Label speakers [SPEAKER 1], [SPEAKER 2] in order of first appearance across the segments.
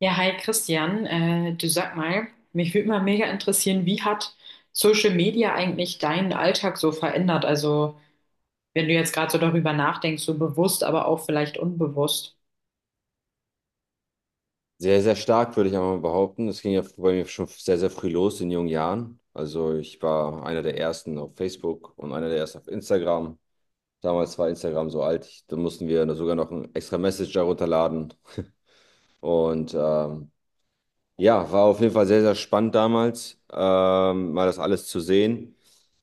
[SPEAKER 1] Ja, hi Christian, du sag mal, mich würde mal mega interessieren, wie hat Social Media eigentlich deinen Alltag so verändert? Also, wenn du jetzt gerade so darüber nachdenkst, so bewusst, aber auch vielleicht unbewusst.
[SPEAKER 2] Sehr, sehr stark, würde ich einmal behaupten. Das ging ja bei mir schon sehr, sehr früh los in jungen Jahren. Also ich war einer der ersten auf Facebook und einer der ersten auf Instagram. Damals war Instagram so alt, ich, da mussten wir sogar noch einen extra Messenger runterladen. Und ja, war auf jeden Fall sehr, sehr spannend damals, mal das alles zu sehen.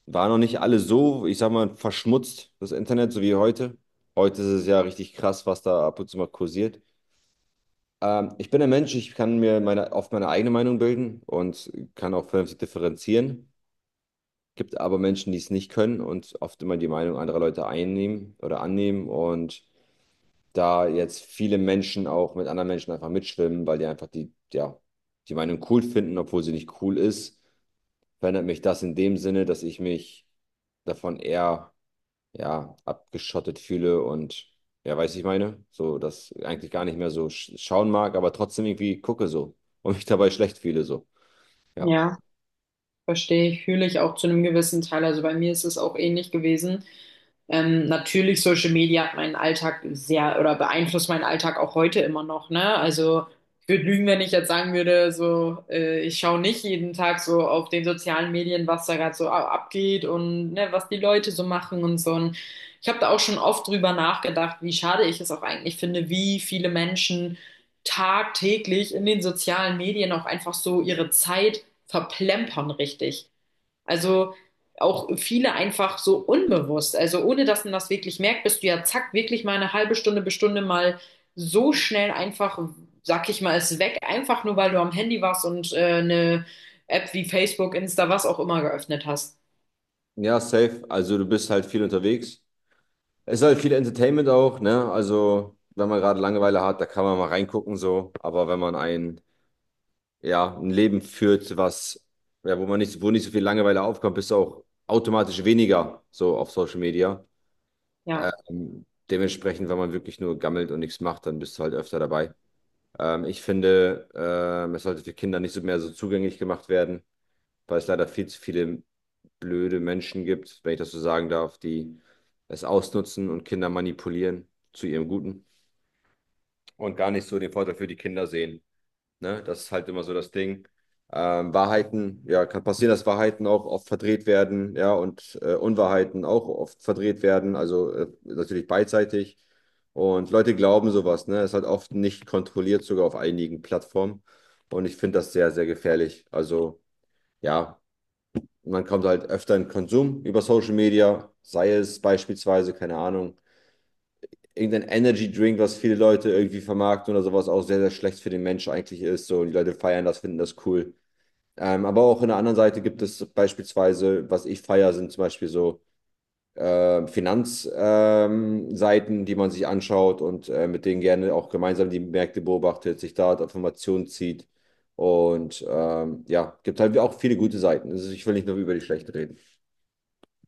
[SPEAKER 2] War noch nicht alles so, ich sag mal, verschmutzt, das Internet, so wie heute. Heute ist es ja richtig krass, was da ab und zu mal kursiert. Ich bin ein Mensch, ich kann mir meine, oft meine eigene Meinung bilden und kann auch vernünftig differenzieren. Gibt aber Menschen, die es nicht können und oft immer die Meinung anderer Leute einnehmen oder annehmen. Und da jetzt viele Menschen auch mit anderen Menschen einfach mitschwimmen, weil die einfach die, ja, die Meinung cool finden, obwohl sie nicht cool ist, verändert mich das in dem Sinne, dass ich mich davon eher ja, abgeschottet fühle und ja, weiß ich meine, so das eigentlich gar nicht mehr so schauen mag, aber trotzdem irgendwie gucke so und mich dabei schlecht fühle so. Ja.
[SPEAKER 1] Ja, verstehe ich, fühle ich auch zu einem gewissen Teil. Also bei mir ist es auch ähnlich gewesen. Natürlich, Social Media hat meinen Alltag sehr oder beeinflusst meinen Alltag auch heute immer noch, ne? Also ich würde lügen, wenn ich jetzt sagen würde, so ich schaue nicht jeden Tag so auf den sozialen Medien, was da gerade so abgeht und ne, was die Leute so machen und so. Und ich habe da auch schon oft drüber nachgedacht, wie schade ich es auch eigentlich finde, wie viele Menschen tagtäglich in den sozialen Medien auch einfach so ihre Zeit verplempern, richtig. Also auch viele einfach so unbewusst. Also ohne dass man das wirklich merkt, bist du ja zack, wirklich mal eine halbe Stunde bis Stunde mal so schnell einfach, sag ich mal, ist weg, einfach nur weil du am Handy warst und eine App wie Facebook, Insta, was auch immer geöffnet hast.
[SPEAKER 2] Ja, safe. Also du bist halt viel unterwegs. Es ist halt viel Entertainment auch, ne? Also, wenn man gerade Langeweile hat, da kann man mal reingucken so, aber wenn man ein ja, ein Leben führt, was ja, wo nicht so viel Langeweile aufkommt, bist du auch automatisch weniger so auf Social Media.
[SPEAKER 1] Ja.
[SPEAKER 2] Dementsprechend, wenn man wirklich nur gammelt und nichts macht, dann bist du halt öfter dabei. Ich finde, es sollte für Kinder nicht so mehr so zugänglich gemacht werden, weil es leider viel zu viele blöde Menschen gibt, wenn ich das so sagen darf, die es ausnutzen und Kinder manipulieren zu ihrem Guten und gar nicht so den Vorteil für die Kinder sehen. Ne? Das ist halt immer so das Ding. Wahrheiten, ja, kann passieren, dass Wahrheiten auch oft verdreht werden, ja, und Unwahrheiten auch oft verdreht werden, also natürlich beidseitig. Und Leute glauben sowas, ne? Ist halt oft nicht kontrolliert, sogar auf einigen Plattformen. Und ich finde das sehr, sehr gefährlich. Also, ja, man kommt halt öfter in Konsum über Social Media, sei es beispielsweise, keine Ahnung, irgendein Energy Drink, was viele Leute irgendwie vermarkten oder sowas, auch sehr, sehr schlecht für den Mensch eigentlich ist. So, und die Leute feiern das, finden das cool. Aber auch in der anderen Seite gibt es beispielsweise, was ich feiere, sind zum Beispiel so Finanzseiten, die man sich anschaut und mit denen gerne auch gemeinsam die Märkte beobachtet, sich da Informationen zieht. Und ja, gibt halt auch viele gute Seiten. Also ich will nicht nur über die schlechten reden.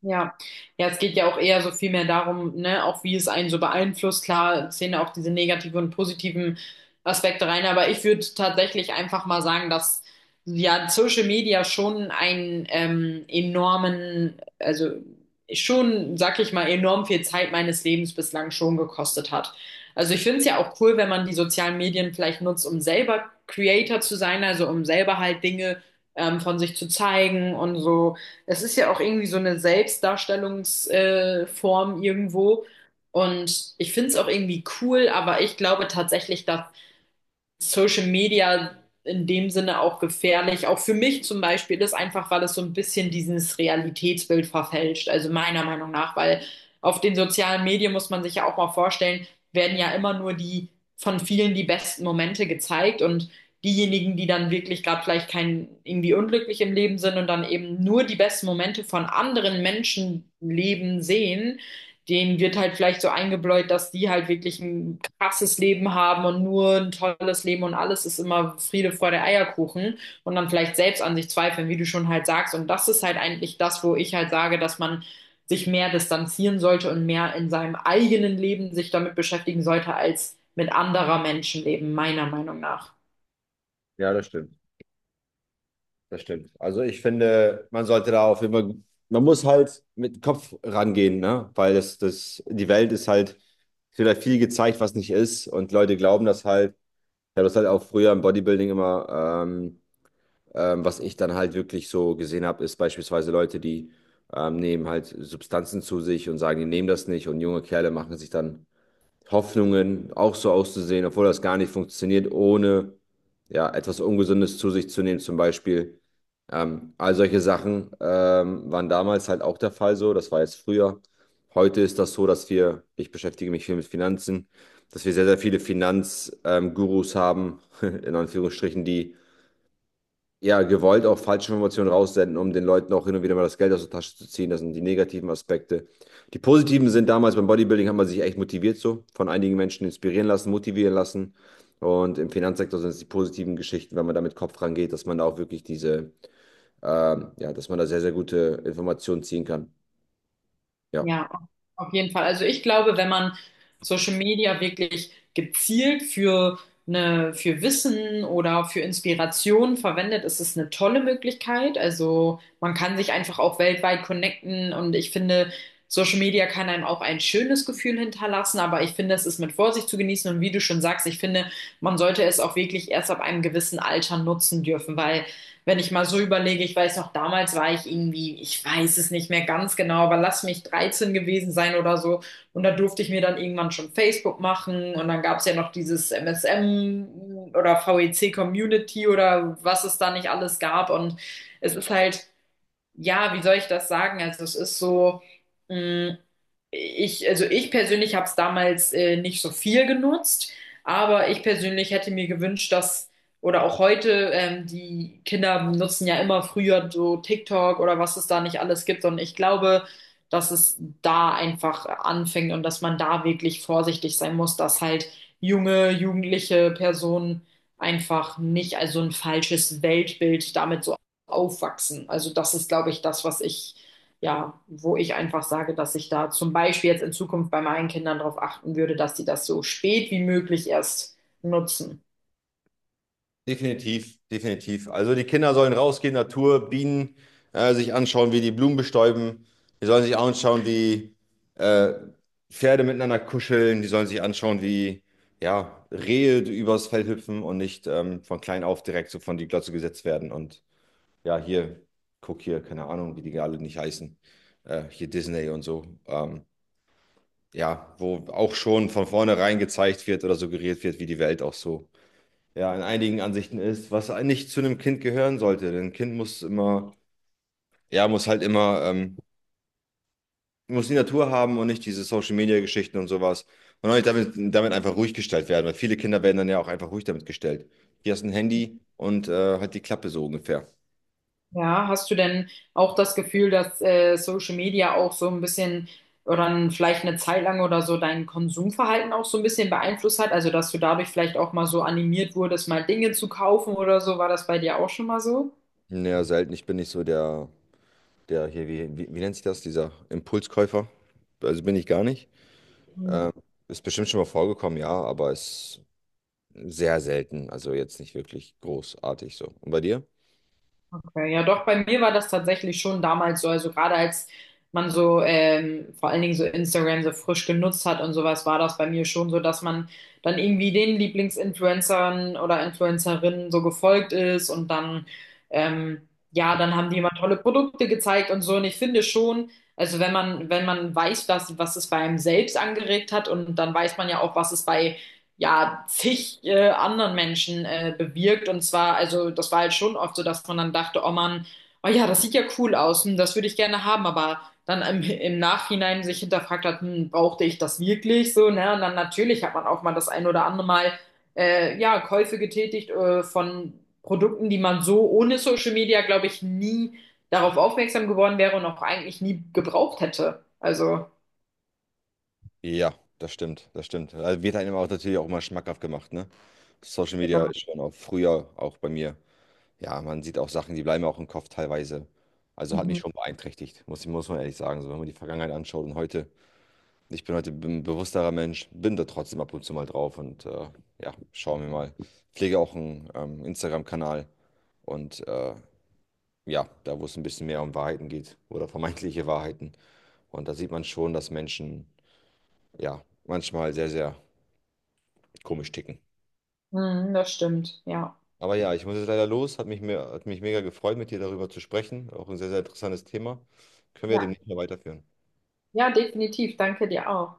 [SPEAKER 1] Ja, ja, es geht ja auch eher so viel mehr darum, ne, auch wie es einen so beeinflusst. Klar zählen da auch diese negativen und positiven Aspekte rein, aber ich würde tatsächlich einfach mal sagen, dass ja Social Media schon einen enormen, also schon, sag ich mal, enorm viel Zeit meines Lebens bislang schon gekostet hat. Also ich finde es ja auch cool, wenn man die sozialen Medien vielleicht nutzt, um selber Creator zu sein, also um selber halt Dinge von sich zu zeigen und so, es ist ja auch irgendwie so eine Selbstdarstellungsform irgendwo. Und ich finde es auch irgendwie cool, aber ich glaube tatsächlich, dass Social Media in dem Sinne auch gefährlich. Auch für mich zum Beispiel ist einfach, weil es so ein bisschen dieses Realitätsbild verfälscht. Also meiner Meinung nach, weil auf den sozialen Medien muss man sich ja auch mal vorstellen, werden ja immer nur die von vielen die besten Momente gezeigt und diejenigen, die dann wirklich gerade vielleicht kein irgendwie unglücklich im Leben sind und dann eben nur die besten Momente von anderen Menschenleben sehen, denen wird halt vielleicht so eingebläut, dass die halt wirklich ein krasses Leben haben und nur ein tolles Leben und alles ist immer Friede, Freude, Eierkuchen und dann vielleicht selbst an sich zweifeln, wie du schon halt sagst. Und das ist halt eigentlich das, wo ich halt sage, dass man sich mehr distanzieren sollte und mehr in seinem eigenen Leben sich damit beschäftigen sollte als mit anderer Menschenleben, meiner Meinung nach.
[SPEAKER 2] Ja, das stimmt. Das stimmt. Also ich finde, man sollte da auf jeden man muss halt mit Kopf rangehen, ne? Weil die Welt ist halt, es wird halt viel gezeigt, was nicht ist. Und Leute glauben das halt. Ich habe das halt auch früher im Bodybuilding immer, was ich dann halt wirklich so gesehen habe, ist beispielsweise Leute, die nehmen halt Substanzen zu sich und sagen, die nehmen das nicht. Und junge Kerle machen sich dann Hoffnungen, auch so auszusehen, obwohl das gar nicht funktioniert, ohne ja, etwas Ungesundes zu sich zu nehmen, zum Beispiel. All solche Sachen waren damals halt auch der Fall so, das war jetzt früher. Heute ist das so, dass wir, ich beschäftige mich viel mit Finanzen, dass wir sehr, sehr viele Finanzgurus Gurus haben, in Anführungsstrichen, die ja, gewollt auch falsche Informationen raussenden, um den Leuten auch hin und wieder mal das Geld aus der Tasche zu ziehen. Das sind die negativen Aspekte. Die positiven sind damals beim Bodybuilding hat man sich echt motiviert so, von einigen Menschen inspirieren lassen, motivieren lassen. Und im Finanzsektor sind es die positiven Geschichten, wenn man da mit Kopf rangeht, dass man da auch wirklich diese, ja, dass man da sehr, sehr gute Informationen ziehen kann. Ja.
[SPEAKER 1] Ja, auf jeden Fall. Also ich glaube, wenn man Social Media wirklich gezielt für eine, für Wissen oder für Inspiration verwendet, ist es eine tolle Möglichkeit. Also man kann sich einfach auch weltweit connecten und ich finde, Social Media kann einem auch ein schönes Gefühl hinterlassen, aber ich finde, es ist mit Vorsicht zu genießen und wie du schon sagst, ich finde, man sollte es auch wirklich erst ab einem gewissen Alter nutzen dürfen, weil wenn ich mal so überlege, ich weiß noch, damals war ich irgendwie, ich weiß es nicht mehr ganz genau, aber lass mich 13 gewesen sein oder so. Und da durfte ich mir dann irgendwann schon Facebook machen und dann gab es ja noch dieses MSM oder VEC Community oder was es da nicht alles gab. Und es ist halt, ja, wie soll ich das sagen? Also es ist so, mh, ich, also ich persönlich habe es damals nicht so viel genutzt, aber ich persönlich hätte mir gewünscht, dass, oder auch heute, die Kinder nutzen ja immer früher so TikTok oder was es da nicht alles gibt. Und ich glaube, dass es da einfach anfängt und dass man da wirklich vorsichtig sein muss, dass halt junge, jugendliche Personen einfach nicht also ein falsches Weltbild damit so aufwachsen. Also das ist, glaube ich, das, was ich, ja, wo ich einfach sage, dass ich da zum Beispiel jetzt in Zukunft bei meinen Kindern darauf achten würde, dass sie das so spät wie möglich erst nutzen.
[SPEAKER 2] Definitiv, definitiv. Also die Kinder sollen rausgehen, Natur, Bienen, sich anschauen, wie die Blumen bestäuben. Die sollen sich anschauen, wie äh, Pferde miteinander kuscheln. Die sollen sich anschauen, wie ja, Rehe übers Feld hüpfen und nicht von klein auf direkt so von die Glotze gesetzt werden. Und ja, hier, guck hier, keine Ahnung, wie die alle nicht heißen. Hier Disney und so. Ja, wo auch schon von vornherein gezeigt wird oder suggeriert wird, wie die Welt auch so ja, in einigen Ansichten ist, was nicht zu einem Kind gehören sollte. Denn ein Kind muss immer, ja, muss halt immer, muss die Natur haben und nicht diese Social-Media-Geschichten und sowas. Und auch nicht damit einfach ruhig gestellt werden, weil viele Kinder werden dann ja auch einfach ruhig damit gestellt. Hier hast du ein Handy und halt die Klappe so ungefähr.
[SPEAKER 1] Ja, hast du denn auch das Gefühl, dass Social Media auch so ein bisschen oder vielleicht eine Zeit lang oder so dein Konsumverhalten auch so ein bisschen beeinflusst hat? Also, dass du dadurch vielleicht auch mal so animiert wurdest, mal Dinge zu kaufen oder so? War das bei dir auch schon mal so?
[SPEAKER 2] Naja, selten. Ich bin nicht so der, der hier, wie nennt sich das, dieser Impulskäufer. Also bin ich gar nicht. Ähm, Ist bestimmt schon mal vorgekommen, ja, aber ist sehr selten. Also jetzt nicht wirklich großartig so. Und bei dir?
[SPEAKER 1] Okay, ja doch, bei mir war das tatsächlich schon damals so, also gerade als man so vor allen Dingen so Instagram so frisch genutzt hat und sowas, war das bei mir schon so, dass man dann irgendwie den Lieblingsinfluencern oder Influencerinnen so gefolgt ist und dann, ähm, ja, dann haben die immer tolle Produkte gezeigt und so und ich finde schon, also wenn man, wenn man weiß, dass, was es bei einem selbst angeregt hat und dann weiß man ja auch, was es bei ja, zig anderen Menschen bewirkt. Und zwar, also das war halt schon oft so, dass man dann dachte, oh Mann, oh ja, das sieht ja cool aus, hm, das würde ich gerne haben, aber dann im Nachhinein sich hinterfragt hat, hm, brauchte ich das wirklich so, ne? Und dann natürlich hat man auch mal das ein oder andere Mal ja, Käufe getätigt von Produkten, die man so ohne Social Media, glaube ich, nie darauf aufmerksam geworden wäre und auch eigentlich nie gebraucht hätte. Also,
[SPEAKER 2] Ja, das stimmt, das stimmt. Also wird einem auch natürlich auch immer schmackhaft gemacht, ne? Social Media
[SPEAKER 1] genau.
[SPEAKER 2] ist schon auch früher auch bei mir. Ja, man sieht auch Sachen, die bleiben auch im Kopf teilweise. Also hat mich
[SPEAKER 1] Mhm.
[SPEAKER 2] schon beeinträchtigt, muss man ehrlich sagen. So, wenn man die Vergangenheit anschaut und heute, ich bin heute ein bewussterer Mensch, bin da trotzdem ab und zu mal drauf und ja, schauen wir mal. Pflege auch einen Instagram-Kanal und ja, da wo es ein bisschen mehr um Wahrheiten geht oder vermeintliche Wahrheiten. Und da sieht man schon, dass Menschen ja manchmal sehr, sehr komisch ticken.
[SPEAKER 1] Mhm, das stimmt, ja.
[SPEAKER 2] Aber ja, ich muss jetzt leider los. Hat mich, mir, hat mich mega gefreut, mit dir darüber zu sprechen. Auch ein sehr, sehr interessantes Thema. Können wir demnächst mal weiterführen.
[SPEAKER 1] Ja, definitiv. Danke dir auch.